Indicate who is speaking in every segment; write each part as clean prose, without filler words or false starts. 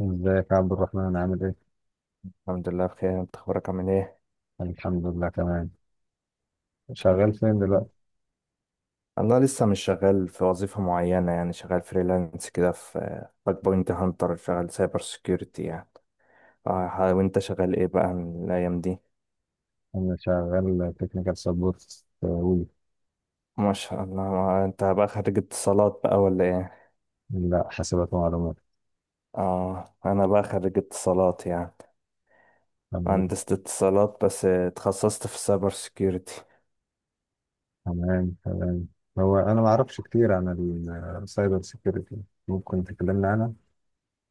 Speaker 1: ازيك يا عبد الرحمن، عامل ايه؟
Speaker 2: الحمد لله بخير. انت اخبارك، عامل ايه؟
Speaker 1: الحمد لله، تمام. شغال فين دلوقتي؟
Speaker 2: انا لسه مش شغال في وظيفة معينة، يعني شغال فريلانس كده في باك بوينت هانتر، شغال سايبر سيكيورتي يعني. اه، وانت شغال ايه بقى من الايام دي؟
Speaker 1: انا شغال تكنيكال سبورت وي.
Speaker 2: ما شاء الله. انت بقى خريج اتصالات بقى، ولا ايه؟
Speaker 1: لا، حاسبات ومعلومات.
Speaker 2: اه، انا بقى خريج اتصالات يعني.
Speaker 1: تمام،
Speaker 2: مهندس اتصالات، بس اتخصصت في السايبر سيكيورتي.
Speaker 1: تمام، تمام. هو انا ما اعرفش كتير عن السايبر سيكيورتي، ممكن تكلمنا عنها؟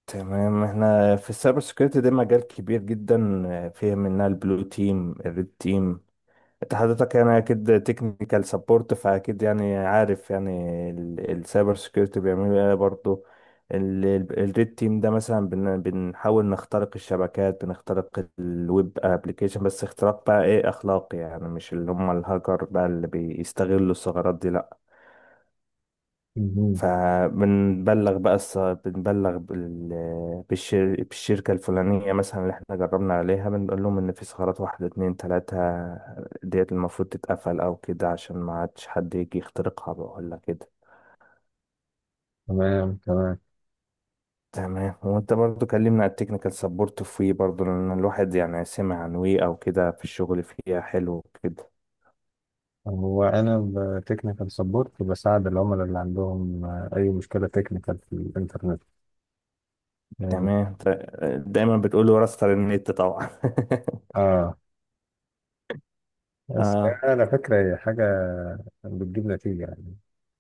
Speaker 2: تمام. احنا في السايبر سيكيورتي ده مجال كبير جدا. فيه منها البلو تيم، الريد تيم. انت حضرتك يعني اكيد تكنيكال سبورت، فاكيد يعني عارف يعني السايبر سكيورتي بيعملوا ايه برضه. الريد تيم ده مثلا بنحاول نخترق الشبكات، بنخترق الويب ابلكيشن، بس اختراق بقى ايه، اخلاقي يعني، مش اللي هم الهاكر بقى اللي بيستغلوا الثغرات دي، لا.
Speaker 1: مهم.
Speaker 2: فبنبلغ بقى بالشركة الفلانية مثلا اللي احنا جربنا عليها، بنقول لهم ان في ثغرات 1 2 3. ديت المفروض تتقفل او كده، عشان ما عادش حد يجي يخترقها بقى، ولا كده.
Speaker 1: تمام، تمام.
Speaker 2: تمام. وانت برضو كلمنا على التكنيكال سبورت في وي برضو، لان الواحد يعني سمع عن وي او كده، في الشغل فيها حلو كده.
Speaker 1: هو انا تكنيكال سبورت، بساعد العملاء اللي عندهم اي مشكلة تكنيكال في الانترنت يعني.
Speaker 2: تمام. دايما بتقول له راستر النت طبعا.
Speaker 1: اه، بس
Speaker 2: اه.
Speaker 1: على فكرة هي حاجة بتجيب نتيجة يعني.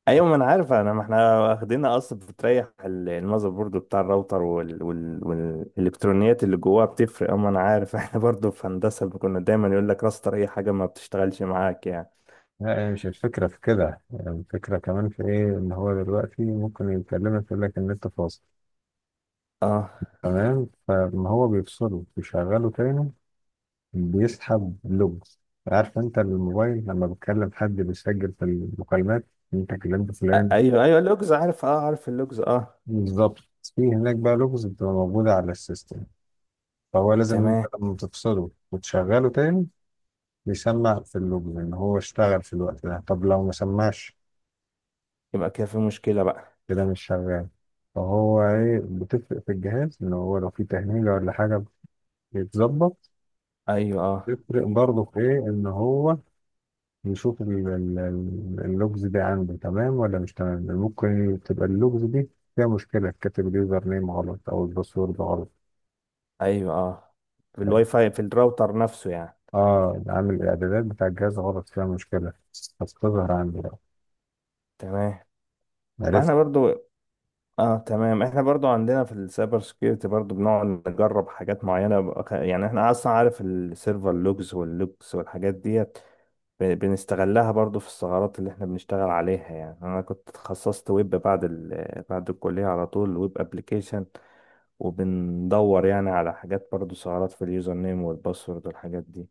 Speaker 2: ايوه، ما انا عارف انا، ما احنا واخدينها اصلا بتريح المذر بورد بتاع الراوتر والالكترونيات اللي جواها، بتفرق اما انا عارف. احنا برضو في هندسه كنا دايما يقول لك راستر اي حاجه ما بتشتغلش معاك يعني.
Speaker 1: لا، هي مش الفكرة في كده يعني الفكرة كمان في إيه، إن هو دلوقتي ممكن يكلمك يقول لك إن أنت فاصل.
Speaker 2: اه.
Speaker 1: تمام، فما هو بيفصله بيشغله تاني، بيسحب لوج. عارف أنت الموبايل لما بتكلم حد بيسجل في المكالمات، أنت كلمت فلان.
Speaker 2: ايوه، ايوه، اللوجز عارف. اه، عارف اللوجز. اه.
Speaker 1: بالظبط، في هناك بقى لوجز بتبقى موجودة على السيستم. فهو لازم أنت
Speaker 2: تمام.
Speaker 1: لما تفصله وتشغله تاني بيسمع في اللوجز إن هو اشتغل في الوقت ده. طب لو ما سمعش
Speaker 2: يبقى كده في مشكله بقى.
Speaker 1: كده مش شغال. فهو ايه، بتفرق في الجهاز ان هو لو في تهنيجة ولا حاجة بيتظبط.
Speaker 2: ايوه، اه.
Speaker 1: بيفرق برضه في ايه، ان هو يشوف اللوجز دي عنده تمام ولا مش تمام، لأن ممكن تبقى اللوجز دي فيها مشكلة كاتب اليوزر نيم غلط او الباسورد غلط.
Speaker 2: ايوه، اه، في الواي فاي، في الراوتر نفسه يعني.
Speaker 1: اه، عامل الاعدادات بتاع الجهاز غلط فيها مشكلة هتظهر عندي بقى.
Speaker 2: تمام. ما
Speaker 1: عرفت.
Speaker 2: احنا برضو. اه، تمام. احنا برضو عندنا في السايبر سكيورتي برضو، بنقعد نجرب حاجات معينة يعني احنا اصلا عارف السيرفر لوجز واللوجز والحاجات ديت. بنستغلها برضو في الثغرات اللي احنا بنشتغل عليها يعني. انا كنت اتخصصت ويب بعد الكلية على طول، ويب ابليكيشن. وبندور يعني على حاجات برضو، ثغرات في اليوزر نيم والباسورد والحاجات دي.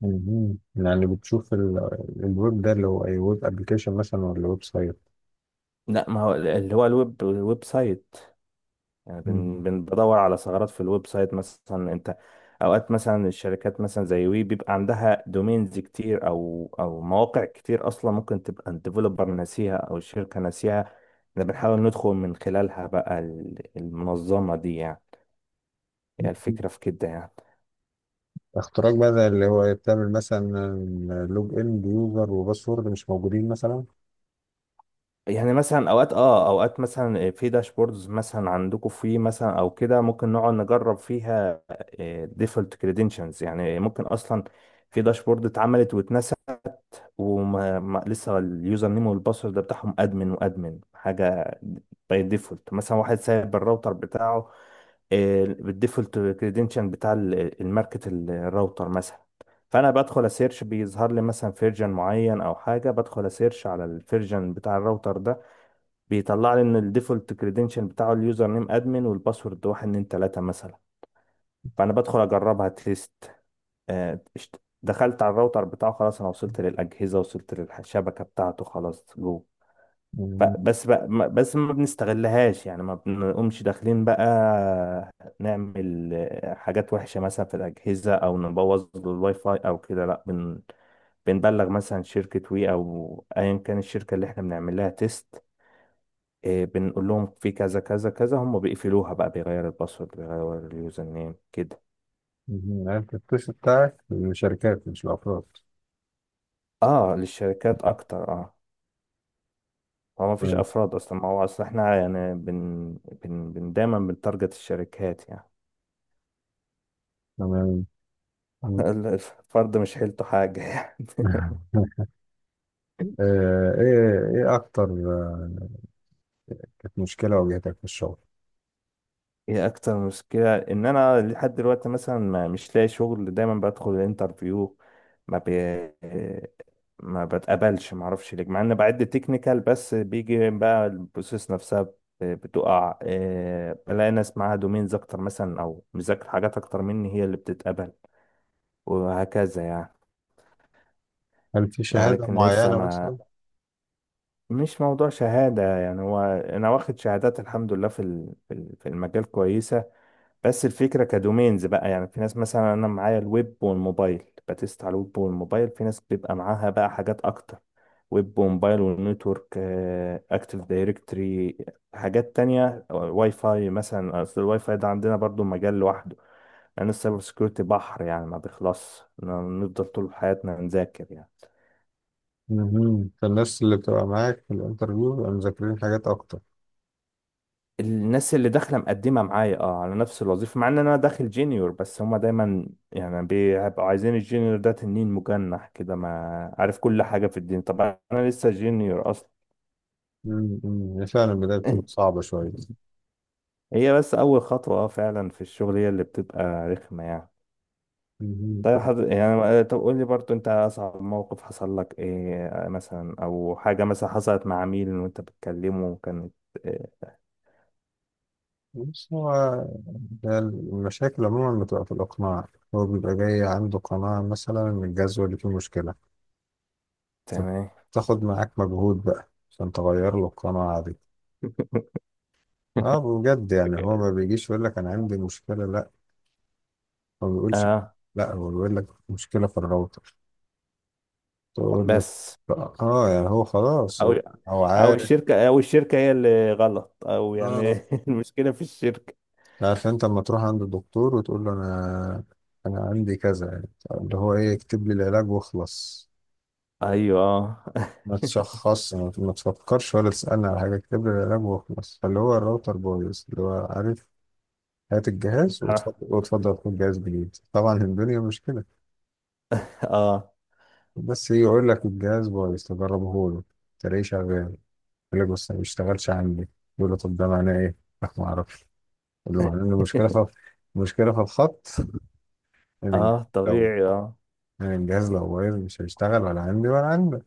Speaker 1: مهم. يعني بتشوف الويب ده اللي هو اي ويب ابلكيشن مثلا ولا ويب سايت.
Speaker 2: لا، ما هو اللي هو الويب سايت. يعني
Speaker 1: مم.
Speaker 2: بدور على ثغرات في الويب سايت مثلا. انت اوقات مثلا الشركات مثلا زي وي بيبقى عندها دومينز كتير او مواقع كتير، اصلا ممكن تبقى الديفلوبر ناسيها او الشركه ناسيها. احنا بنحاول ندخل من خلالها بقى المنظمه دي يعني. هي الفكره في كده يعني.
Speaker 1: اختراق بقى اللي هو بتعمل مثلا لوج ان بيوزر وباسورد مش موجودين مثلا.
Speaker 2: يعني مثلا اوقات مثلا في داشبوردز مثلا عندكم في مثلا، او كده ممكن نقعد نجرب فيها ديفولت كريدنشنز يعني، ممكن اصلا في داشبورد اتعملت واتنست، وما ما لسه اليوزر نيم والباسورد بتاعهم ادمن وادمن حاجه. باي ديفولت مثلا، واحد سايب الراوتر بتاعه بالديفولت كريدنشال بتاع الماركت الراوتر مثلا. فانا بدخل اسيرش، بيظهر لي مثلا فيرجن معين او حاجه، بدخل اسيرش على الفيرجن بتاع الراوتر ده، بيطلع لي ان الديفولت كريدنشال بتاعه اليوزر نيم ادمن، والباسورد 1 2 3 مثلا. فانا بدخل اجربها تيست. دخلت على الراوتر بتاعه خلاص، انا وصلت للاجهزه، وصلت للشبكه بتاعته، خلاص جوه.
Speaker 1: مم.
Speaker 2: بس بقى، بس ما بنستغلهاش يعني، ما بنقومش داخلين بقى نعمل حاجات وحشه مثلا في الاجهزه، او نبوظ له الواي فاي او كده، لا. بنبلغ مثلا شركه وي او ايا كان الشركه اللي احنا بنعمل لها تيست، بنقول لهم في كذا كذا كذا، هم بيقفلوها بقى، بيغير الباسورد، بيغير اليوزر نيم كده.
Speaker 1: مم. عرفت، التوش بتاعك للشركات مش الافراد.
Speaker 2: اه، للشركات اكتر، اه. هو ما فيش
Speaker 1: تمام،
Speaker 2: افراد اصلا، ما هو اصلا احنا يعني بن, بن, بن دايما بنتارجت الشركات يعني.
Speaker 1: تمام. مم.
Speaker 2: الفرد مش حيلته حاجه يعني.
Speaker 1: ايه اكتر. آه، كانت مشكله واجهتك في الشغل.
Speaker 2: ايه اكتر مشكله، ان انا لحد دلوقتي مثلا ما مش لاقي شغل، دايما بدخل الانترفيو ما بي ما بتقبلش، ما اعرفش ليه، مع ان بعد تكنيكال بس بيجي بقى البروسيس نفسها بتقع إيه، بلاقي ناس معاها دومينز اكتر مثلا، او مذاكر حاجات اكتر مني، هي اللي بتتقبل. وهكذا يعني.
Speaker 1: هل في
Speaker 2: يعني
Speaker 1: شهاده
Speaker 2: لكن لسه
Speaker 1: معينه
Speaker 2: ما
Speaker 1: مثلا؟
Speaker 2: مش موضوع شهادة يعني، هو أنا واخد شهادات الحمد لله، في المجال كويسة. بس الفكرة كدومينز بقى يعني، في ناس مثلا أنا معايا الويب والموبايل، بتست على الويب والموبايل، في ناس بيبقى معاها بقى حاجات أكتر. ويب وموبايل والنتورك، أكتيف دايركتري، حاجات تانية، واي فاي مثلا، أصل الواي فاي ده عندنا برضو مجال لوحده. لأن السايبر سكيورتي بحر يعني، ما بيخلصش، نفضل طول حياتنا نذاكر يعني.
Speaker 1: مهم. فالناس اللي بتبقى معاك في الانترفيو بيبقوا مذاكرين حاجات اكتر.
Speaker 2: الناس اللي داخله مقدمه معايا على نفس الوظيفه، مع ان انا داخل جينيور، بس هما دايما يعني بيبقوا عايزين الجينيور ده تنين مجنح كده، ما عارف كل حاجه في الدين. طب انا لسه جينيور اصلا.
Speaker 1: مم. مم. فعلا البدايه بتبقى صعبه شويه.
Speaker 2: هي بس اول خطوه، اه، فعلا في الشغل هي اللي بتبقى رخمه يعني.
Speaker 1: مهم.
Speaker 2: طيب يعني طب قول لي برضو، انت اصعب موقف حصل لك ايه مثلا، او حاجه مثلا حصلت مع عميل وانت بتكلمه كانت إيه؟
Speaker 1: بص هو ده المشاكل عموما بتبقى في الإقناع. هو بيبقى جاي عنده قناعة مثلا إن الجزوة اللي فيه مشكلة،
Speaker 2: تمام.
Speaker 1: فبتاخد معاك مجهود بقى عشان تغير له القناعة دي. اه، بجد يعني هو ما بيجيش يقول لك أنا عندي مشكلة، لا هو ما بيقولش.
Speaker 2: اه،
Speaker 1: لا هو بيقول لك مشكلة في الراوتر تقول له
Speaker 2: بس
Speaker 1: اه يعني هو خلاص،
Speaker 2: او
Speaker 1: هو
Speaker 2: او
Speaker 1: عارف.
Speaker 2: الشركه، او الشركه هي اللي غلط، او يعني
Speaker 1: اه
Speaker 2: المشكله في الشركه.
Speaker 1: عارف. انت لما تروح عند الدكتور وتقول له انا عندي كذا يعني، اللي هو ايه، يكتب لي العلاج واخلص،
Speaker 2: ايوه،
Speaker 1: ما تشخصش ما تفكرش ولا تسألني على حاجة، اكتب لي العلاج وخلاص. فاللي هو الراوتر بايظ، اللي هو عارف هات الجهاز
Speaker 2: اه.
Speaker 1: وتفضل وتفضل، خد جهاز جديد. طبعا الدنيا مش كده.
Speaker 2: اه.
Speaker 1: بس يجي يقول لك الجهاز بايظ، تجربه له تلاقيه شغال، يقول لك بس ما بيشتغلش عندي، يقول له طب ده معناه ايه؟ لا، ما اعرفش. يقول له معناه ان المشكلة في الخط. من
Speaker 2: اه،
Speaker 1: لو
Speaker 2: طبيعي، اه.
Speaker 1: يعني الجهاز لو بايظ مش هيشتغل ولا عندي ولا عندك.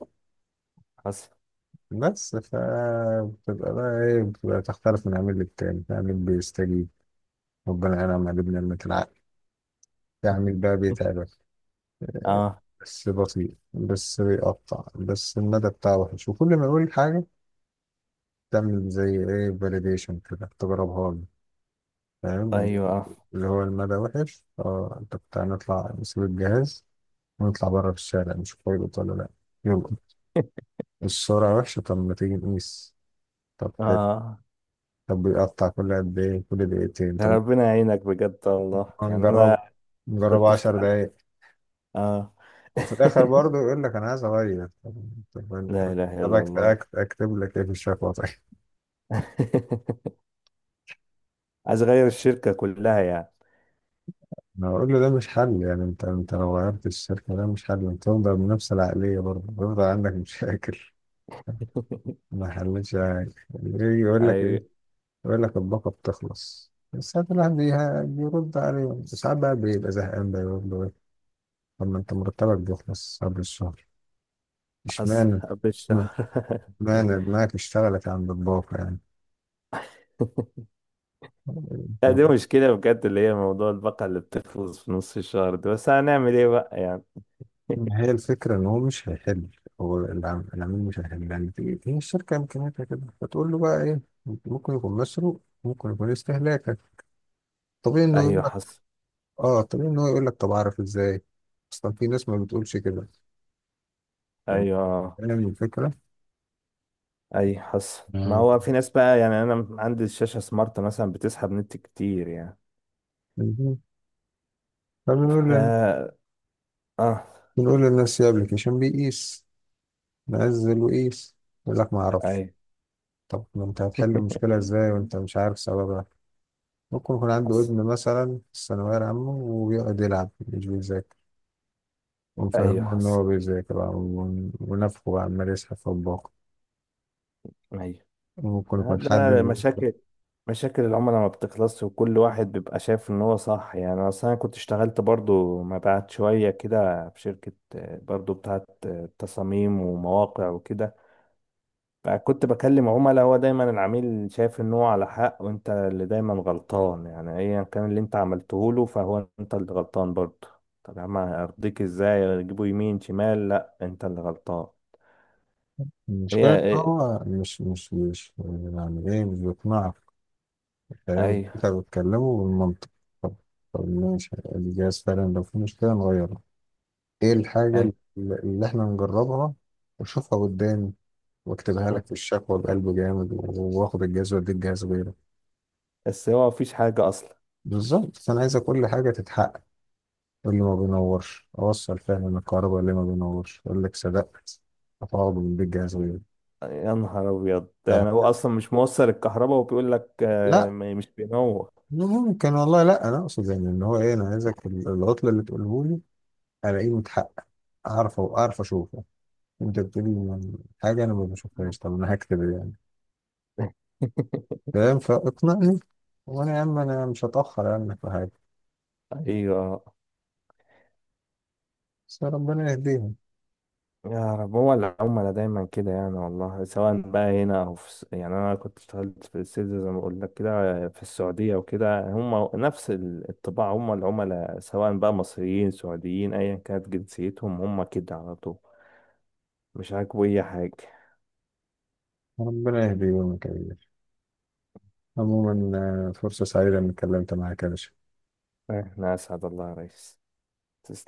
Speaker 2: حصل،
Speaker 1: بس فبتبقى بقى ايه بتبقى تختلف من عميل للتاني، في عميل بيستجيب ربنا ينعم عليه بنعمة العقل، يعمل بقى بيتعبك
Speaker 2: اه.
Speaker 1: بس بطيء، بس بيقطع، بس المدى بتاعه وحش، وكل ما يقول حاجة تعمل زي ايه، فاليديشن كده تجربها له، فاهم؟
Speaker 2: ايوه، اه.
Speaker 1: اللي هو المدى وحش، اه انت بتاع نطلع، نسيب الجهاز ونطلع بره في الشارع نشوف هو يلقط ولا لا. يلا، السرعة وحشة، طب ما تيجي نقيس، طب حلو.
Speaker 2: اه.
Speaker 1: طب بيقطع كل قد ايه، كل دقيقتين؟
Speaker 2: ده
Speaker 1: طب
Speaker 2: ربنا يعينك بجد والله،
Speaker 1: ما
Speaker 2: يعني
Speaker 1: نجربه
Speaker 2: انا
Speaker 1: نجربه
Speaker 2: كنت
Speaker 1: عشر
Speaker 2: اشتغلت،
Speaker 1: دقايق
Speaker 2: اه.
Speaker 1: وفي الاخر برضه يقول لك انا عايز اغير. طب
Speaker 2: لا اله
Speaker 1: طب
Speaker 2: الا
Speaker 1: أكت-
Speaker 2: الله.
Speaker 1: أكت- اكتب لك ايه في الشكوى طيب.
Speaker 2: عايز اغير الشركه كلها يعني.
Speaker 1: انا اقول له ده مش حل يعني، انت لو غيرت الشركه ده مش حل، انت تفضل بنفس العقليه برضه بيفضل عندك مشاكل، ما حلتش حاجه. يجي يقول لك ايه،
Speaker 2: اي،
Speaker 1: يقول لك الباقه بتخلص، بس ساعات الواحد بيرد عليه ساعات بقى بيبقى زهقان بقى، يقول له ايه، طب ما انت مرتبك بيخلص قبل الشهر
Speaker 2: حصل
Speaker 1: اشمعنى
Speaker 2: قبل الشهر.
Speaker 1: اشمعنى دماغك اشتغلت عند الباقه؟
Speaker 2: لا، دي
Speaker 1: يعني،
Speaker 2: مشكلة بجد اللي هي موضوع البقرة اللي بتفوز في نص الشهر ده، بس هنعمل ايه بقى يعني؟
Speaker 1: ما هي الفكرة إن هو مش هيحل، هو العميل مش هيحل يعني هي الشركة إمكانياتها كده، فتقول له بقى إيه، ممكن يكون مسروق، ممكن يكون استهلاكك طبيعي، إنه يقول
Speaker 2: ايوه،
Speaker 1: لك
Speaker 2: حصل.
Speaker 1: طبيعي إن هو يقول لك طب أعرف إزاي، أصلا في ناس ما بتقولش كده. طب،
Speaker 2: ايوه،
Speaker 1: فاهم الفكرة؟
Speaker 2: اي، حصل. ما
Speaker 1: أيوة.
Speaker 2: هو في ناس بقى، يعني انا عندي الشاشة سمارت مثلا بتسحب نت كتير يعني.
Speaker 1: مهم.
Speaker 2: ف
Speaker 1: فبنقول
Speaker 2: اه
Speaker 1: بنقول للناس يا ابلكيشن بيقيس، نزل وقيس، يقول لك ما اعرفش.
Speaker 2: ايوه.
Speaker 1: طب ما انت هتحل المشكله ازاي وانت مش عارف سببها؟ ممكن يكون عنده
Speaker 2: حصل،
Speaker 1: ابن مثلا في الثانويه العامه وبيقعد يلعب مش بيذاكر،
Speaker 2: ايوه،
Speaker 1: وفهمه إن
Speaker 2: حصل،
Speaker 1: هو بيذاكر بقى ونفخه بقى عمال يسحب في الباقة،
Speaker 2: ايوه.
Speaker 1: وممكن
Speaker 2: ما
Speaker 1: يكون
Speaker 2: ده
Speaker 1: حد.
Speaker 2: أنا مشاكل، مشاكل العملاء ما بتخلصش، وكل واحد بيبقى شايف ان هو صح يعني. اصل انا كنت اشتغلت برضو مبيعات شوية كده في شركة برضو بتاعت تصاميم ومواقع وكده. فكنت بكلم عملاء، هو دايما العميل شايف ان هو على حق، وانت اللي دايما غلطان يعني، ايا كان اللي انت عملته له، فهو انت اللي غلطان برضه. طب يا عم، ارضيك ازاي، اجيبه يمين شمال، لا انت اللي غلطان.
Speaker 1: المشكلة
Speaker 2: هي
Speaker 1: إن
Speaker 2: ايه.
Speaker 1: هو مش يعني إيه، مش بيقنعك. فاهم، أنت
Speaker 2: ايوه،
Speaker 1: بتكلمه بالمنطق. طب طب ماشي، دي جايز فعلا لو في مشكلة نغيرها، إيه الحاجة اللي
Speaker 2: ايوه.
Speaker 1: اللي إحنا نجربها وأشوفها قدامي وأكتبها لك في الشكوى بقلب جامد، وآخد الجهاز وأديك جهاز غيره.
Speaker 2: بس هو مفيش حاجة اصلا.
Speaker 1: بالظبط، فأنا عايزة كل حاجة تتحقق، اللي ما بينورش اوصل فعلا إن الكهرباء، اللي ما بينورش اقول لك صدقت، هتقعد من بيت جهاز غيري.
Speaker 2: يا نهار ابيض، يعني هو
Speaker 1: أه،
Speaker 2: اصلا مش موصل الكهرباء وبيقول لك
Speaker 1: لا
Speaker 2: مش بينور.
Speaker 1: ممكن والله، لا انا اقصد يعني ان هو ايه، انا عايزك العطله اللي تقوله لي الاقيه متحقق، اعرف اشوفه. انت بتقولي يعني حاجه انا ما بشوفهاش، طب انا هكتب إيه يعني؟ فاهم، فاقنعني وانا يا عم، انا مش هتاخر عنك في حاجه.
Speaker 2: ايوه.
Speaker 1: بس ربنا يهديهم،
Speaker 2: يا رب. هو العملاء دايما كده يعني والله، سواء بقى هنا او في يعني انا كنت اشتغلت في السيلز زي ما بقول لك كده في السعوديه وكده، هم نفس الطباع، هم العملاء سواء بقى مصريين سعوديين، ايا كانت جنسيتهم هم كده على طول. مش عاجبه اي حاجه.
Speaker 1: ربنا يهديهم يا كبير. عموما فرصه سعيده اني اتكلمت معاك يا باشا.
Speaker 2: احنا اسعد الله يا ريس.